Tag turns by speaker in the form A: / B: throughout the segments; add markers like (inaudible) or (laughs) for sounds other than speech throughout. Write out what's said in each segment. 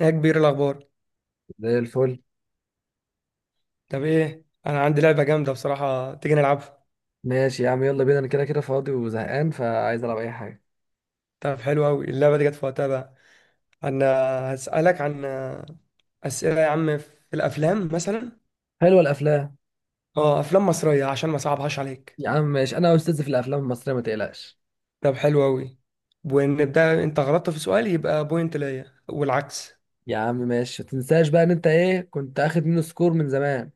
A: ايه يا كبير الاخبار؟
B: زي الفل.
A: طب ايه، انا عندي لعبه جامده بصراحه، تيجي نلعبها؟
B: ماشي يا عم، يلا بينا. انا كده كده فاضي وزهقان، فعايز العب اي حاجه.
A: طب حلو قوي، اللعبه دي جت في وقتها بقى. انا هسالك عن اسئله يا عم في الافلام مثلا.
B: حلوه الافلام.
A: اه افلام مصريه عشان ما صعبهاش عليك.
B: يا عم ماشي، انا استاذ في الافلام المصريه، ما تقلقش.
A: طب حلو قوي ونبدا، انت غلطت في سؤال يبقى بوينت ليا والعكس.
B: يا عم ماشي، ما تنساش بقى ان انت ايه كنت اخد منه سكور من زمان.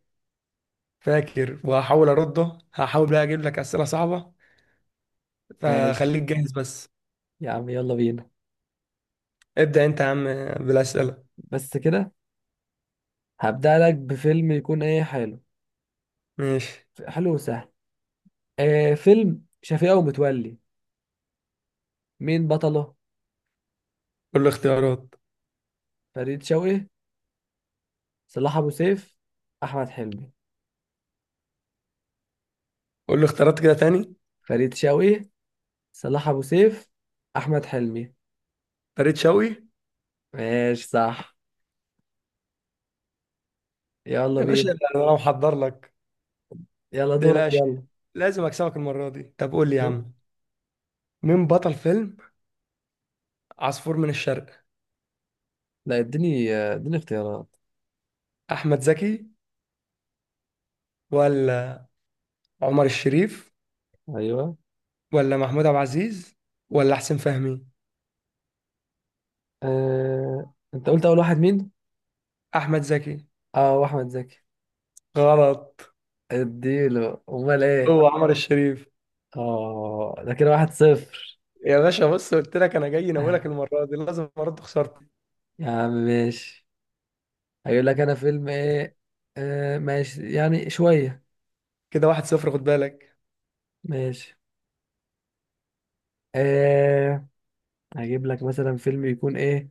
A: فاكر، وهحاول ارده، هحاول بقى اجيب لك اسئله صعبه،
B: ماشي
A: فخليك جاهز بس.
B: يا عم، يلا بينا.
A: ابدا انت يا عم بالاسئله.
B: بس كده، هبدأ لك بفيلم يكون ايه حلو.
A: ماشي.
B: حلو وسهل. آه، فيلم شفيقة ومتولي. مين بطله؟
A: قول لي اختيارات.
B: فريد شوقي، صلاح ابو سيف، احمد حلمي.
A: قول لي اختيارات كده تاني.
B: فريد شوقي، صلاح ابو سيف، احمد حلمي.
A: فريد شوقي.
B: ماشي، صح. يلا
A: يا باشا
B: بينا.
A: انا لو محضر لك
B: يلا دورك
A: تقلقش،
B: يلا.
A: لازم اكسبك المره دي. طب قول لي يا
B: شو-
A: عم، مين بطل فيلم عصفور من الشرق؟
B: لا، اديني اختيارات.
A: احمد زكي ولا عمر الشريف
B: ايوه.
A: ولا محمود عبد العزيز ولا حسين فهمي؟
B: انت قلت اول واحد مين؟
A: احمد زكي.
B: اه، احمد زكي.
A: غلط،
B: اديله امال ايه؟
A: هو عمر الشريف.
B: اه، ده كده 1-0.
A: يا باشا بص قلت لك انا جاي ناولك،
B: (laughs)
A: المره دي لازم ارد خسارتي.
B: يا عم ماشي. هيقول لك انا فيلم ايه. آه ماشي، يعني شوية.
A: كده واحد صفر، خد بالك.
B: ماشي. آه. هجيب لك مثلا فيلم يكون ايه.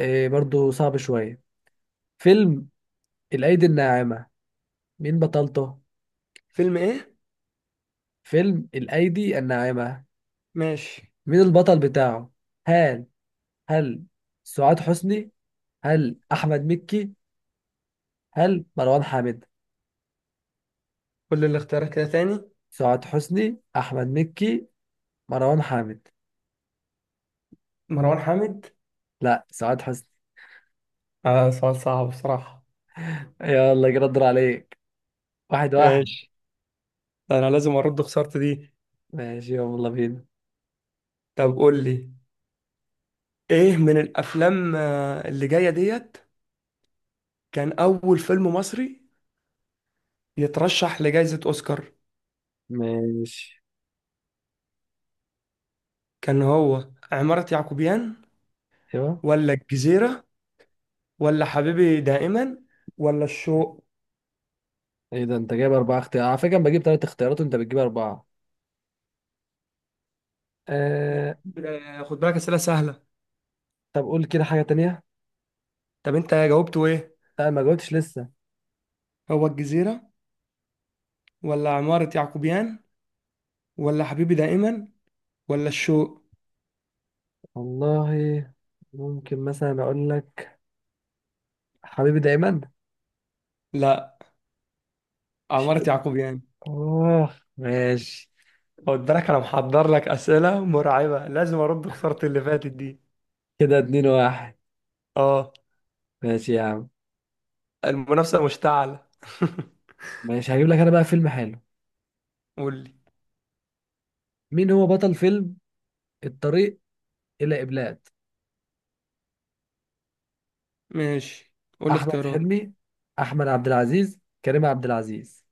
B: آه برضو صعب شوية. فيلم الأيدي الناعمة. مين بطلته؟
A: فيلم ايه؟
B: فيلم الأيدي الناعمة.
A: ماشي.
B: مين البطل بتاعه؟ هل هل سعاد حسني؟ هل احمد مكي؟ هل مروان حامد؟
A: كل الاختيارات كده تاني.
B: سعاد حسني، احمد مكي، مروان حامد.
A: مروان حامد.
B: لا، سعاد حسني.
A: سؤال صعب بصراحه.
B: يلا كده الدور عليك. واحد واحد.
A: ماشي، انا لازم ارد خسارتي دي.
B: ماشي يلا بينا.
A: طب قول لي، ايه من الافلام اللي جايه ديت، كان اول فيلم مصري يترشح لجائزه اوسكار؟
B: ماشي.
A: كان هو عماره يعقوبيان
B: ايوه.
A: ولا الجزيره ولا حبيبي دائما ولا الشوق؟
B: ايه ده؟ انت جايب اربعة اختيارات على فكرة، انا بجيب ثلاث اختيارات وانت بتجيب اربعة.
A: لا،
B: آه...
A: خد بالك اسئله سهله.
B: طب قول كده حاجة تانية.
A: طب انت جاوبته ايه؟
B: لا، ما جاوبتش لسه.
A: هو الجزيره ولا عماره يعقوبيان ولا حبيبي دائما ولا الشوق؟
B: والله، ممكن مثلا اقول لك حبيبي دايما.
A: لا، عماره يعقوبيان.
B: اوه ماشي.
A: خد بالك انا محضر لك اسئله مرعبه، لازم ارد خساره اللي فاتت دي.
B: كده 2-1.
A: اه.
B: ماشي يا عم.
A: المنافسة مشتعلة. (laughs)
B: ماشي. هجيب لك انا بقى فيلم حلو.
A: قول لي.
B: مين هو بطل فيلم الطريق الى ابلاد؟
A: ماشي. قول لي
B: احمد
A: اختيارات.
B: حلمي، احمد عبد العزيز، كريم عبد العزيز.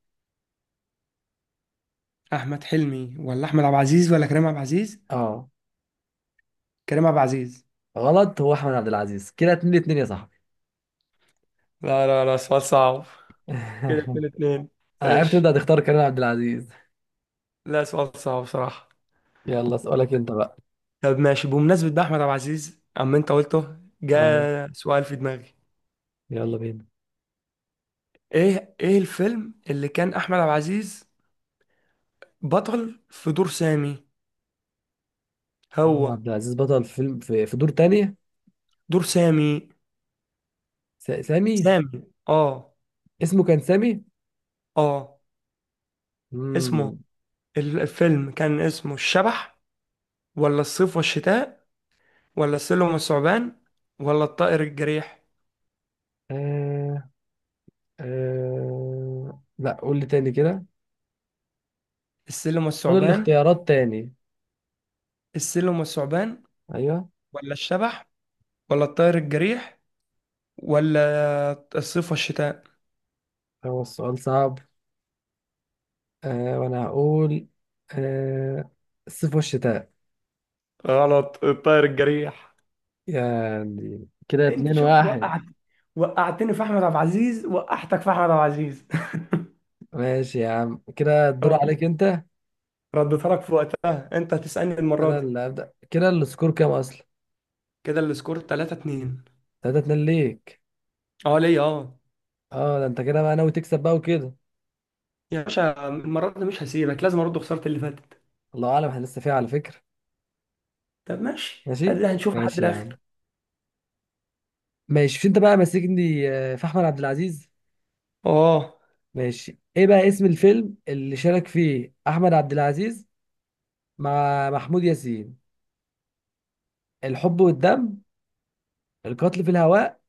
A: احمد حلمي ولا احمد عبد العزيز ولا كريم عبد العزيز؟
B: اه.
A: كريم عبد العزيز.
B: غلط، هو احمد عبد العزيز. كده 2-2 يا صاحبي.
A: لا لا لا، سؤال صعب.
B: (laughs)
A: كده اتنين اتنين.
B: انا عرفت انت
A: ماشي.
B: هتختار كريم عبد العزيز.
A: لا سؤال صعب بصراحة.
B: يلا سؤالك انت بقى.
A: طب ماشي، بمناسبة بقى أحمد عبد العزيز أما أنت قلته،
B: اه،
A: جاء سؤال في دماغي.
B: يلا بينا.
A: إيه إيه الفيلم اللي كان أحمد عبد العزيز بطل في دور سامي
B: احمد
A: هو؟
B: عبد العزيز بطل فيلم في دور تاني.
A: دور سامي.
B: سامي.
A: سامي. آه.
B: اسمه كان سامي.
A: آه. اسمه
B: امم
A: الفيلم كان اسمه الشبح ولا الصيف والشتاء ولا السلم والثعبان ولا الطائر الجريح؟
B: لا، قول لي تاني كده.
A: السلم
B: قول
A: والثعبان.
B: الاختيارات تاني.
A: السلم والثعبان
B: ايوه.
A: ولا الشبح ولا الطائر الجريح ولا الصيف والشتاء؟
B: هو السؤال صعب. وانا هقول أه... الصيف والشتاء.
A: غلط، الطائر الجريح.
B: يعني كده
A: انت
B: اتنين
A: شوف
B: واحد
A: وقعت، وقعتني في احمد عبد العزيز وقعتك في احمد عبد العزيز. (laughs)
B: ماشي يا عم، كده الدور
A: رد-
B: عليك انت.
A: رديتها لك في وقتها، انت هتسألني المرة
B: انا
A: دي.
B: اللي هبدأ. كده السكور كام اصلا؟
A: كده السكور 3-2.
B: 3-2 ليك.
A: اه ليا اه.
B: اه، ده انت كده بقى ناوي تكسب بقى وكده.
A: يا باشا المرة دي مش هسيبك، لازم ارد خسارة اللي فاتت.
B: الله اعلم، احنا لسه فيها على فكرة.
A: طب ماشي،
B: ماشي.
A: قال لها هنشوف لحد
B: ماشي يا عم.
A: الاخر.
B: ماشي، في انت بقى ماسكني في احمد عبد العزيز.
A: اه.
B: ماشي، ايه بقى اسم الفيلم اللي شارك فيه احمد عبد العزيز مع محمود ياسين؟ الحب والدم، القتل في الهواء،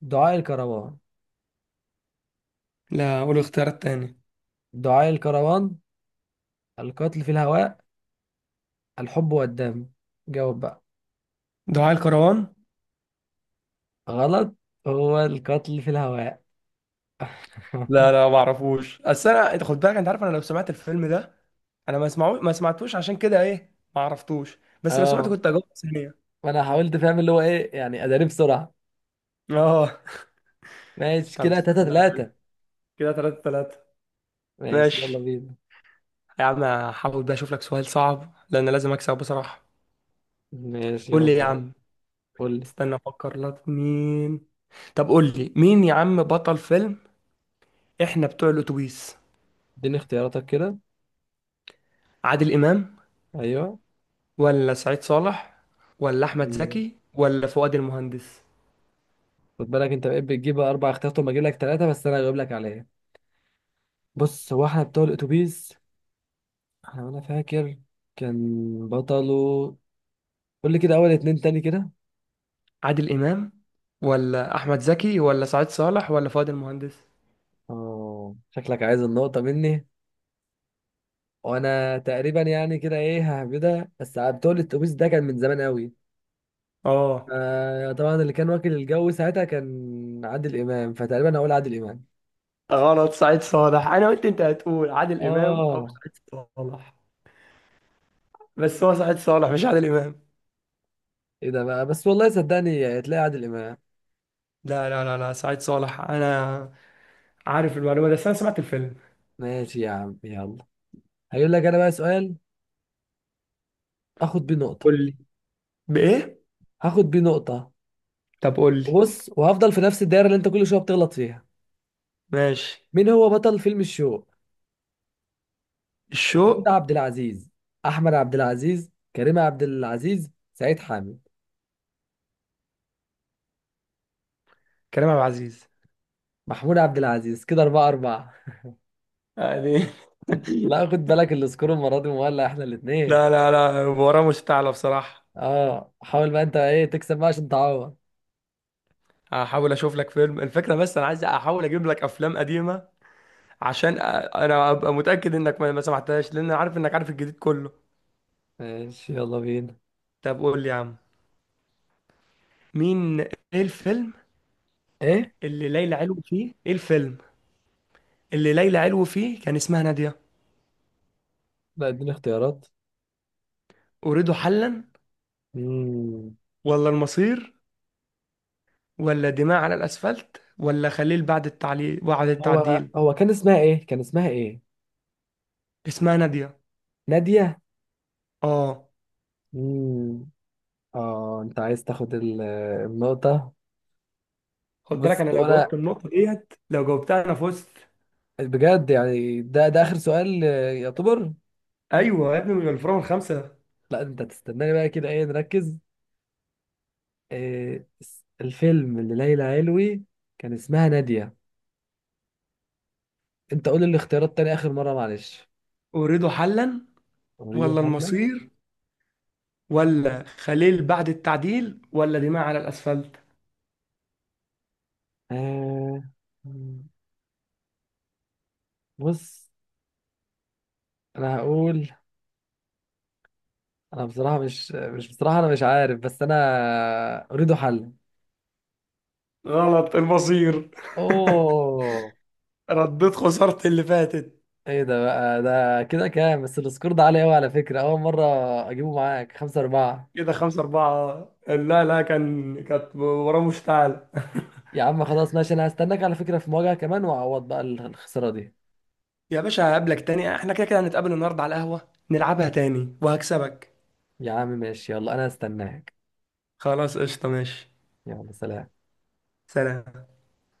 B: دعاء الكروان.
A: لا قول الاختيار التاني.
B: دعاء الكروان، القتل في الهواء، الحب والدم. جاوب بقى.
A: دعاء الكروان.
B: غلط، هو القتل في الهواء. (laughs)
A: لا لا ما اعرفوش، اصل انا انت خد بالك، انت عارف انا لو سمعت الفيلم ده، انا ما اسمعوش، ما سمعتوش، عشان كده ايه ما عرفتوش، بس لو سمعته
B: اه،
A: كنت اجاوب ثانيه.
B: ما انا حاولت فاهم اللي هو ايه، يعني اداني بسرعة.
A: اه.
B: ماشي،
A: طب
B: كده تلاتة
A: استنى،
B: تلاتة
A: كده ثلاثة ثلاثة.
B: ماشي يلا
A: ماشي
B: بينا.
A: يا عم، هحاول بقى اشوف لك سؤال صعب لان لازم اكسب بصراحه.
B: ماشي.
A: قول لي يا
B: يلا.
A: عم،
B: قول لي.
A: استنى افكر لك مين. طب قول لي مين يا عم بطل فيلم احنا بتوع الاتوبيس؟
B: اديني اختياراتك كده.
A: عادل امام
B: ايوه.
A: ولا سعيد صالح ولا احمد زكي ولا فؤاد المهندس؟
B: خد بالك انت بقيت بتجيب اربع اختيارات وما اجيب لك ثلاثه، بس انا هجيب لك عليها. بص، هو احنا بتوع الاتوبيس. احنا وانا فاكر كان بطله. قول لي كده اول اتنين تاني كده.
A: عادل امام ولا احمد زكي ولا سعيد صالح ولا فؤاد المهندس؟
B: اه، شكلك عايز النقطه مني. وانا تقريبا يعني كده ايه ههبدها، بس بتوع الاتوبيس ده كان من زمان قوي.
A: اه.
B: آه طبعا، اللي كان واكل الجو ساعتها كان عادل امام، فتقريبا هقول عادل امام.
A: غلط، سعيد صالح. انا قلت انت هتقول عادل امام او
B: اه.
A: سعيد صالح، بس هو سعيد صالح مش عادل امام.
B: ايه ده بقى؟ بس والله صدقني هتلاقي عادل امام.
A: لا لا لا لا، سعيد صالح، انا عارف المعلومه دي، بس انا سمعت الفيلم.
B: ماشي يا عم يلا. هجيب لك انا بقى سؤال اخد بيه نقطه.
A: قول لي بايه؟
B: هاخد بيه نقطة.
A: طب قول لي.
B: بص، وهفضل في نفس الدايرة اللي انت كل شوية بتغلط فيها.
A: ماشي.
B: مين هو بطل فيلم الشوق؟ محمود
A: الشوق.
B: عبد العزيز، أحمد عبد العزيز، كريم عبد العزيز، سعيد حامد.
A: كريم عبد العزيز.
B: محمود عبد العزيز. كده 4-4.
A: يعني.
B: لا
A: (laughs)
B: خد بالك، السكور المرة دي مولع، احنا الاتنين.
A: لا لا لا، وراه مستعلى بصراحه.
B: اه، حاول بقى انت ايه تكسب بقى عشان تعوض.
A: هحاول اشوف لك فيلم، الفكره بس انا عايز احاول اجيب لك افلام قديمه عشان انا ابقى متاكد انك ما سمعتهاش، لان انا عارف انك عارف الجديد كله.
B: ماشي يلا بينا.
A: طب قول لي يا عم، مين ايه الفيلم
B: ايه؟
A: اللي ليلى علو فيه؟ ايه الفيلم اللي ليلى علو فيه كان اسمها ناديه؟
B: لا، اديني اختيارات.
A: اريد حلا
B: مم.
A: ولا المصير ولا دماء على الاسفلت ولا خليل بعد التعليل بعد
B: هو
A: التعديل؟
B: هو كان اسمها ايه؟
A: اسمها ناديه.
B: نادية.
A: اه.
B: مم. اه، انت عايز تاخد النقطة.
A: خد بالك
B: بص
A: انا
B: هو
A: لو جاوبت
B: انا
A: النقطه ديت، لو جاوبتها انا فزت.
B: بجد يعني ده اخر سؤال يعتبر.
A: ايوه يا ابني من الفرن الخمسه.
B: لا، انت تستناني بقى كده ايه نركز. آه، الفيلم اللي ليلى علوي كان اسمها نادية. انت قول الاختيارات تاني اخر مرة معلش.
A: اريد حلا
B: اريد
A: ولا
B: حلا.
A: المصير ولا خليل بعد التعديل ولا دماء على الأسفلت؟
B: آه، بص انا هقول. انا بصراحة مش بصراحة انا مش عارف، بس انا اريد حلا.
A: غلط، المصير. (laughs)
B: اوه.
A: رديت خسارتي اللي فاتت.
B: ايه ده بقى؟ ده كده كام بس؟ السكور ده عالي قوي على فكرة، اول مرة اجيبه معاك. 5-4.
A: كده خمسة أربعة. لا لا، كان كانت وراه مشتعلة.
B: يا عم خلاص ماشي، انا هستناك على فكرة، في مواجهة كمان واعوض بقى الخسارة دي.
A: (laughs) يا باشا هقابلك تاني، احنا كده كده هنتقابل النهاردة على القهوة، نلعبها تاني وهكسبك.
B: يا عم ماشي، يلا انا هستناك.
A: خلاص قشطة، ماشي.
B: يلا، سلام.
A: سلام.